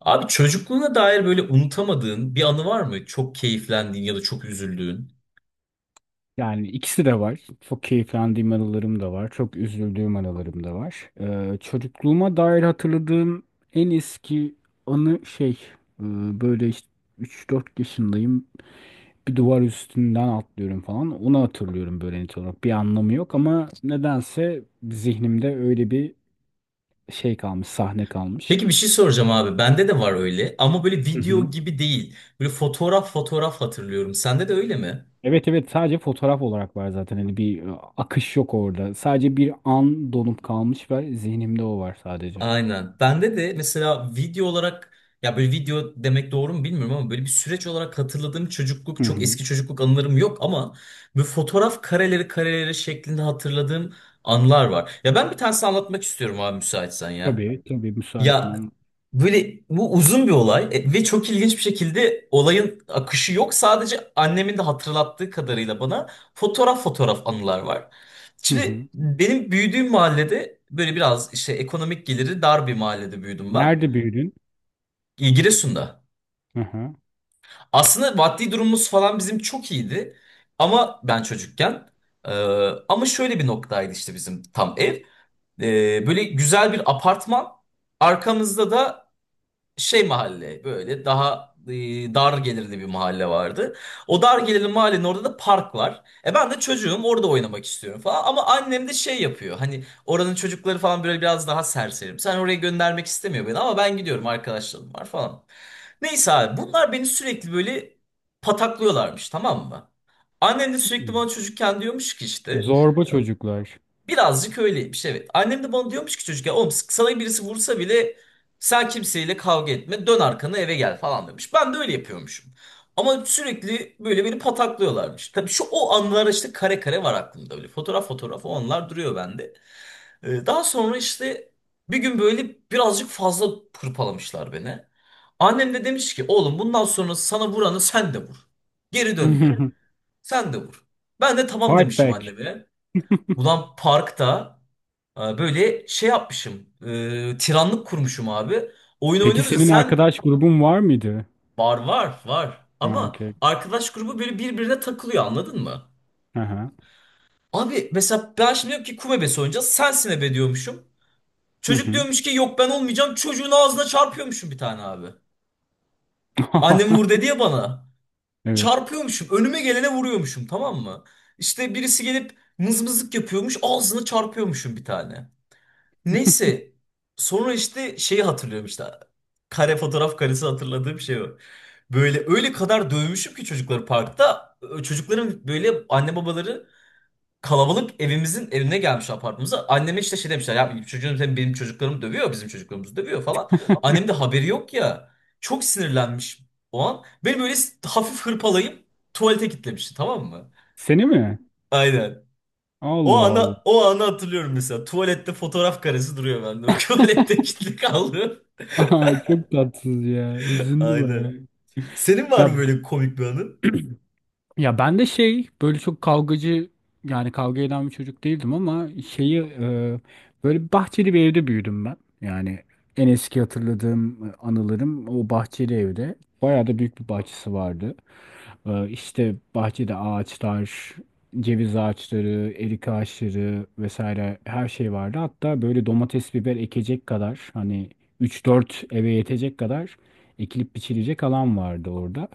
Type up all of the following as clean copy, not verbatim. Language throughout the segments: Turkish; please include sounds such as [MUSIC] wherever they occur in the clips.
Abi çocukluğuna dair böyle unutamadığın bir anı var mı? Çok keyiflendiğin ya da çok üzüldüğün. Yani ikisi de var. Çok keyiflendiğim anılarım da var. Çok üzüldüğüm anılarım da var. Çocukluğuma dair hatırladığım en eski anı şey e, böyle işte 3-4 yaşındayım. Bir duvar üstünden atlıyorum falan. Onu hatırlıyorum böyle net olarak. Bir anlamı yok ama nedense zihnimde öyle bir şey kalmış, sahne kalmış. Peki bir şey soracağım abi. Bende de var öyle ama böyle Hı hı. video gibi değil. Böyle fotoğraf fotoğraf hatırlıyorum. Sende de öyle mi? Evet evet, sadece fotoğraf olarak var zaten. Hani bir akış yok orada. Sadece bir an donup kalmış ve zihnimde o var sadece. Aynen. Bende de mesela video olarak, ya böyle video demek doğru mu bilmiyorum ama böyle bir süreç olarak hatırladığım çocukluk, Hı çok hı. eski çocukluk anılarım yok ama bu fotoğraf kareleri şeklinde hatırladığım anlar var. Ya ben bir tanesini anlatmak istiyorum abi, müsaitsen ya. Tabii, tabii müsaitim Ya ama. böyle bu uzun bir olay ve çok ilginç bir şekilde olayın akışı yok. Sadece annemin de hatırlattığı kadarıyla bana fotoğraf fotoğraf anılar var. Hı hı. Şimdi benim büyüdüğüm mahallede böyle biraz işte ekonomik geliri dar bir mahallede büyüdüm ben. Nerede büyüdün? Giresun'da. Hı hı. Aslında maddi durumumuz falan bizim çok iyiydi. Ama ben çocukken. e, Ama şöyle bir noktaydı işte bizim tam ev. Böyle güzel bir apartman. Arkamızda da şey mahalle böyle daha dar gelirli bir mahalle vardı. O dar gelirli mahallenin orada da park var. E ben de çocuğum, orada oynamak istiyorum falan ama annem de şey yapıyor. Hani oranın çocukları falan böyle biraz daha serserim. Sen oraya göndermek istemiyor beni ama ben gidiyorum, arkadaşlarım var falan. Neyse abi, bunlar beni sürekli böyle pataklıyorlarmış, tamam mı? Annem de sürekli bana çocukken diyormuş ki işte. Zorba çocuklar. Birazcık öyleymiş, evet. Annem de bana diyormuş ki çocukken, oğlum sana birisi vursa bile sen kimseyle kavga etme, dön arkana eve gel falan demiş. Ben de öyle yapıyormuşum. Ama sürekli böyle beni pataklıyorlarmış. Tabii şu o anılar işte kare kare var aklımda, böyle fotoğraf fotoğraf o onlar duruyor bende. Daha sonra işte bir gün böyle birazcık fazla hırpalamışlar beni. Annem de demiş ki, oğlum bundan sonra sana vuranı sen de vur. Geri dönme. [LAUGHS] Sen de vur. Ben de tamam Fight demişim back. anneme. Ulan parkta böyle şey yapmışım. Tiranlık kurmuşum abi. Oyun Peki oynuyoruz ya senin sen. arkadaş grubun var mıydı? Var var var. Ha, Ama okey. arkadaş grubu böyle birbirine takılıyor, anladın mı? Hı hı. Abi mesela ben şimdi diyorum ki kumebes oynayacağız. Sensin ebe diyormuşum. Hı Çocuk hı. diyormuş ki yok ben olmayacağım. Çocuğun ağzına çarpıyormuşum bir tane abi. Annem vur [LAUGHS] dedi ya bana. Evet. Çarpıyormuşum. Önüme gelene vuruyormuşum, tamam mı? İşte birisi gelip mızmızlık yapıyormuş. Ağzına çarpıyormuşum bir tane. Neyse, sonra işte şeyi hatırlıyorum işte. Kare, fotoğraf karesi hatırladığım şey o. Böyle öyle kadar dövmüşüm ki çocukları parkta. Çocukların böyle anne babaları kalabalık evimizin evine gelmiş, apartmanımıza. Anneme işte şey demişler ya, çocuğum sen benim çocuklarım dövüyor, bizim çocuklarımızı dövüyor falan. Annem de haberi yok ya. Çok sinirlenmiş o an. Beni böyle hafif hırpalayıp tuvalete kilitlemişti, tamam mı? Seni mi? Aynen. O Allah Allah. ana, o anı hatırlıyorum mesela. Tuvalette fotoğraf karesi duruyor bende. [LAUGHS] Tuvalette kilitli kaldı. [LAUGHS] Aa, çok tatsız ya. Hüzündü Aynen. bayağı. Senin var Ya mı böyle komik bir anın? Ya, ben de şey böyle çok kavgacı, yani kavga eden bir çocuk değildim ama şeyi böyle bahçeli bir evde büyüdüm ben. Yani en eski hatırladığım anılarım o bahçeli evde. Bayağı da büyük bir bahçesi vardı. İşte bahçede ağaçlar, ceviz ağaçları, erik ağaçları vesaire her şey vardı. Hatta böyle domates, biber ekecek kadar, hani üç dört eve yetecek kadar ekilip biçilecek alan vardı orada.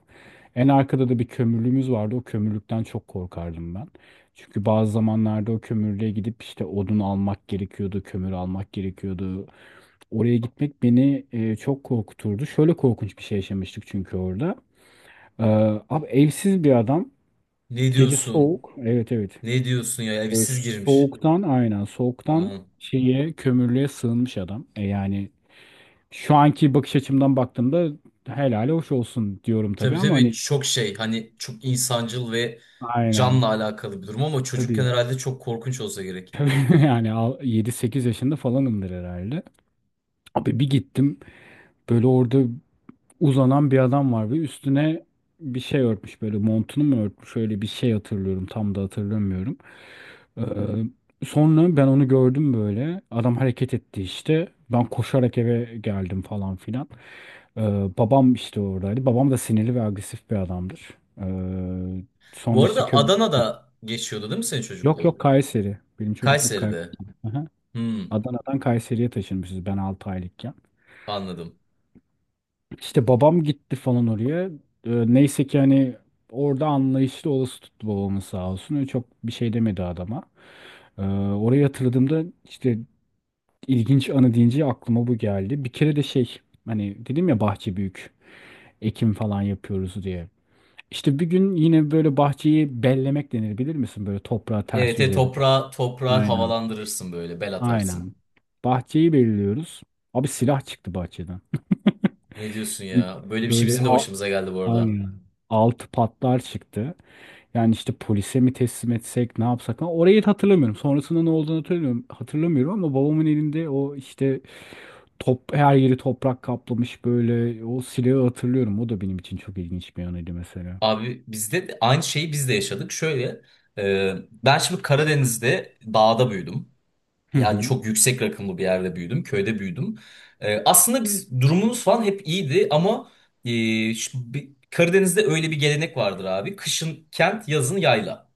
En arkada da bir kömürlüğümüz vardı. O kömürlükten çok korkardım ben. Çünkü bazı zamanlarda o kömürlüğe gidip işte odun almak gerekiyordu, kömür almak gerekiyordu. Oraya gitmek beni çok korkuturdu. Şöyle korkunç bir şey yaşamıştık çünkü orada. Ee, Abi evsiz bir adam. Ne Gece diyorsun? soğuk. Evet evet. Ne diyorsun ya? Böyle Evsiz girmiş. soğuktan, aynen, soğuktan Aman. şeye, kömürlüğe sığınmış adam. Yani şu anki bakış açımdan baktığımda helali hoş olsun diyorum tabii Tabii, ama tabii hani çok şey, hani çok insancıl ve aynen. canla alakalı bir durum ama çocukken Tabii. herhalde çok korkunç olsa gerek. [LAUGHS] Yani yedi sekiz yaşında falanımdır herhalde. Abi bir gittim, böyle orada uzanan bir adam var ve üstüne bir şey örtmüş, böyle montunu mu örtmüş, öyle bir şey hatırlıyorum, tam da hatırlamıyorum. Ee, Sonra ben onu gördüm, böyle adam hareket etti, işte ben koşarak eve geldim falan filan. Ee, Babam işte oradaydı, babam da sinirli ve agresif bir adamdır. Ee, Bu Sonra işte arada Adana'da geçiyordu değil mi senin yok yok, çocukluğun? Kayseri, benim çocukluk Kayseri'de. Kayseri. Hmm, Adana'dan Kayseri'ye taşınmışız ben 6 aylıkken. anladım. İşte babam gitti falan oraya. Neyse ki hani orada anlayışlı olası tuttu babamın, sağ olsun. Öyle çok bir şey demedi adama. Ee, Orayı hatırladığımda işte, ilginç anı deyince aklıma bu geldi. Bir kere de şey, hani dedim ya bahçe büyük. Ekim falan yapıyoruz diye. İşte bir gün yine böyle bahçeyi bellemek denir, bilir misin? Böyle toprağı ters Evet, yüz evet edin. toprağa, toprağı Aynen. havalandırırsın böyle, bel atarsın. Aynen. Bahçeyi belliyoruz. Abi silah çıktı bahçeden. [LAUGHS] Ne diyorsun ya? İlk Böyle bir şey böyle bizim de başımıza geldi bu arada. aynen, altı patlar çıktı. Yani işte polise mi teslim etsek, ne yapsak falan. Orayı da hatırlamıyorum. Sonrasında ne olduğunu hatırlamıyorum ama babamın elinde o işte, top her yeri toprak kaplamış böyle, o silahı hatırlıyorum. O da benim için çok ilginç bir anıydı mesela. Abi bizde de aynı şeyi biz de yaşadık. Şöyle e, ben şimdi Karadeniz'de dağda büyüdüm. Hı Yani hı. çok yüksek rakımlı bir yerde büyüdüm. Köyde büyüdüm. E, aslında biz durumumuz falan hep iyiydi ama e, Karadeniz'de öyle bir gelenek vardır abi. Kışın kent, yazın yayla.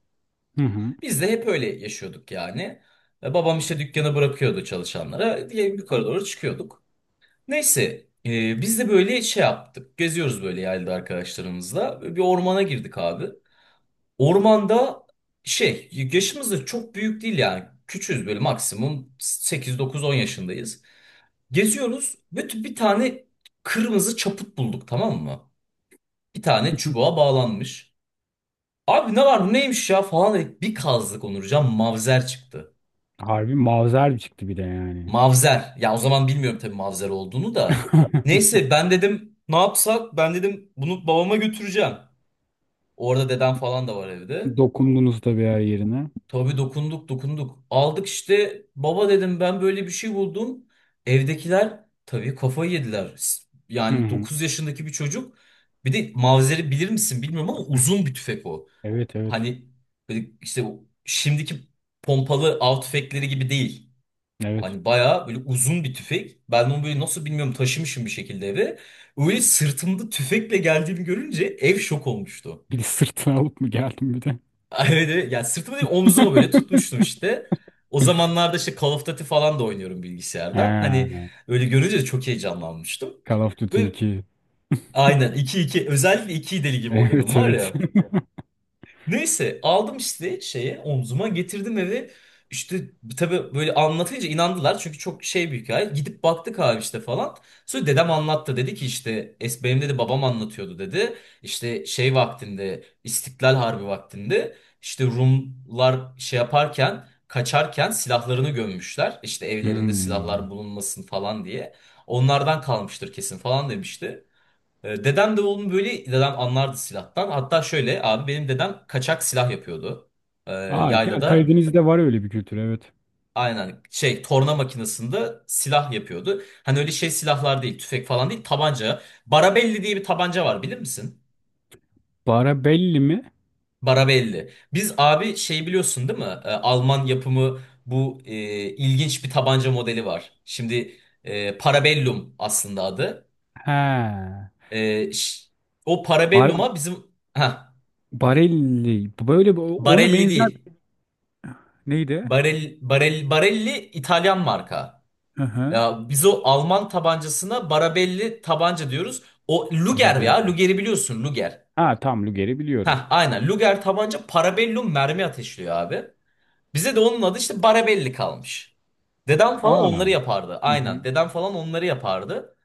Hı hı. Biz de hep öyle yaşıyorduk yani. Babam işte dükkanı bırakıyordu çalışanlara. Diye yukarı doğru çıkıyorduk. Neyse, biz de böyle şey yaptık. Geziyoruz böyle yerde arkadaşlarımızla. Bir ormana girdik abi. Ormanda şey, yaşımız da çok büyük değil yani. Küçüğüz, böyle maksimum 8-9-10 yaşındayız. Geziyoruz. Bütün bir tane kırmızı çaput bulduk, tamam mı? Bir tane [LAUGHS] çubuğa bağlanmış. Abi ne var bu, neymiş ya falan dedik. Bir kazdık, Onurcan, mavzer çıktı. Harbi mavzer çıktı bir de yani. Mavzer. Ya o zaman bilmiyorum tabii mavzer olduğunu da. [LAUGHS] Neyse, ben dedim ne yapsak? Ben dedim bunu babama götüreceğim. Orada dedem falan da var evde. Dokundunuz da bir her yerine. Tabii dokunduk, dokunduk. Aldık, işte baba dedim ben böyle bir şey buldum. Evdekiler tabii kafayı yediler. Hı Yani hı. 9 yaşındaki bir çocuk. Bir de Mavzer'i bilir misin bilmiyorum ama uzun bir tüfek o. Evet evet. Hani böyle işte o şimdiki pompalı av tüfekleri gibi değil. Evet. Hani bayağı böyle uzun bir tüfek. Ben onu böyle, nasıl bilmiyorum, taşımışım bir şekilde eve. Öyle sırtımda tüfekle geldiğimi görünce ev şok olmuştu. Bir de sırtına alıp mı geldim bir de? [LAUGHS] Evet, evet. Yani sırtıma değil, omzuma böyle tutmuştum [LAUGHS] işte. O zamanlarda işte Call of Duty falan da oynuyorum bilgisayardan. Hani Ha, öyle görünce de çok heyecanlanmıştım. Call of Duty Böyle 2. [LAUGHS] aynen iki, iki, özellikle iki deli gibi oynadım Evet var evet. ya. [LAUGHS] Neyse, aldım işte şeye, omzuma getirdim eve. İşte tabii böyle anlatınca inandılar çünkü çok şey bir hikaye. Gidip baktık abi işte falan. Sonra dedem anlattı, dedi ki işte es benim dedi babam anlatıyordu dedi. İşte şey vaktinde, İstiklal Harbi vaktinde işte Rumlar şey yaparken, kaçarken silahlarını gömmüşler. İşte evlerinde silahlar Hmm. bulunmasın falan diye. Onlardan kalmıştır kesin falan demişti. E, dedem de oğlum, böyle dedem anlardı silahtan. Hatta şöyle abi, benim dedem kaçak silah yapıyordu. E, Aa, evet. Ya, Yaylada, Karadeniz'de var öyle bir kültür, evet. aynen şey torna makinesinde silah yapıyordu. Hani öyle şey silahlar değil, tüfek falan değil, tabanca. Barabelli diye bir tabanca var, bilir misin? Barabelli mi? Barabelli. Biz abi şey biliyorsun değil mi? E, Alman yapımı bu ilginç bir tabanca modeli var. Şimdi Parabellum aslında adı. He. E, ş- O Bar Parabellum'a bizim... Heh, Barelli. Böyle ona Barelli benzer değil. neydi? Barel, Barel, Barelli İtalyan marka. Hı hı. Ya biz o Alman tabancasına Barabelli tabanca diyoruz. O Luger ya. Barabelli. Luger'i biliyorsun, Luger. Ha, tam Luger'i Heh, biliyorum. aynen. Luger tabanca, Parabellum mermi ateşliyor abi. Bize de onun adı işte Barabelli kalmış. Dedem falan onları Aa. yapardı. Hı hı. Aynen. Dedem falan onları yapardı.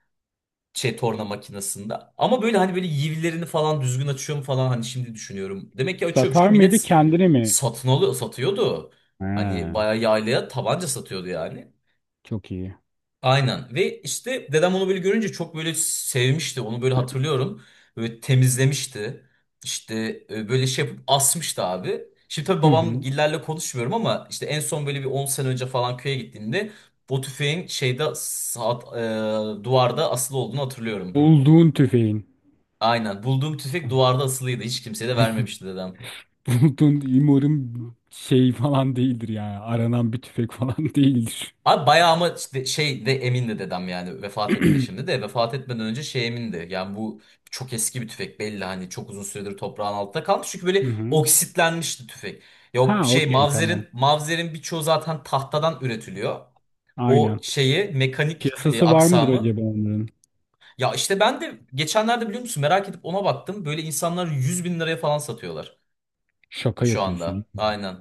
Şey, torna makinesinde. Ama böyle, hani böyle yivlerini falan düzgün açıyor mu falan, hani şimdi düşünüyorum. Demek ki açıyormuş ki Satar millet, mıydı, kendini mi? satın alıyor, satıyordu. Hani Ha, bayağı yaylaya tabanca satıyordu yani. çok iyi. Aynen, ve işte dedem onu böyle görünce çok böyle sevmişti onu, böyle hatırlıyorum. Böyle temizlemişti işte, böyle şey yapıp asmıştı abi. Şimdi tabii Hı babam hı. gillerle konuşmuyorum ama işte en son böyle bir 10 sene önce falan köye gittiğimde o tüfeğin duvarda asılı olduğunu hatırlıyorum. Bulduğun tüfeğin. Aynen, bulduğum tüfek duvarda asılıydı, hiç kimseye de vermemişti dedem. [LAUGHS] Bulduğun umarım şey falan değildir yani. Aranan bir tüfek falan [LAUGHS] değildir. Abi bayağı, ama işte şey de emindi dedem, yani vefat etti şimdi [CLEARS THROAT] de, vefat etmeden önce şey emindi yani, bu çok eski bir tüfek belli, hani çok uzun süredir toprağın altında kalmış çünkü böyle Hı hı. oksitlenmişti tüfek. Ya Ha, o şey, okey, tamam. mavzerin birçoğu zaten tahtadan üretiliyor, o Aynen. şeyi mekanik Piyasası var mıdır aksamı. acaba onların? Ya işte ben de geçenlerde biliyor musun, merak edip ona baktım, böyle insanlar 100 bin liraya falan satıyorlar Şaka şu yapıyorsun. anda, aynen.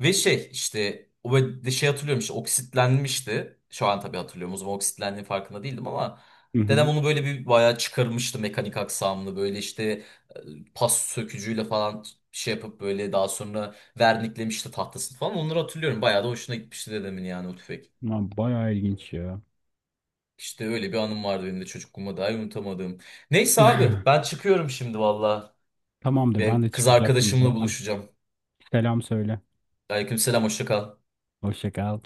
Ve şey, işte o böyle de şey hatırlıyorum, işte oksitlenmişti. Şu an tabii hatırlıyorum. O zaman oksitlendiğinin farkında değildim ama Hı dedem hı. onu böyle bir bayağı çıkarmıştı mekanik aksamını, böyle işte pas sökücüyle falan şey yapıp, böyle daha sonra verniklemişti tahtasını falan. Onları hatırlıyorum. Bayağı da hoşuna gitmişti dedemin yani o tüfek. Lan, bayağı ilginç ya. İşte öyle bir anım vardı benim de çocukluğuma dair unutamadığım. Neyse abi, ben çıkıyorum şimdi valla. Tamamdır, ben de Ve kız çıkacaktım arkadaşımla zaten. buluşacağım. Selam söyle. Aleykümselam, hoşça kal. Hoşça kal.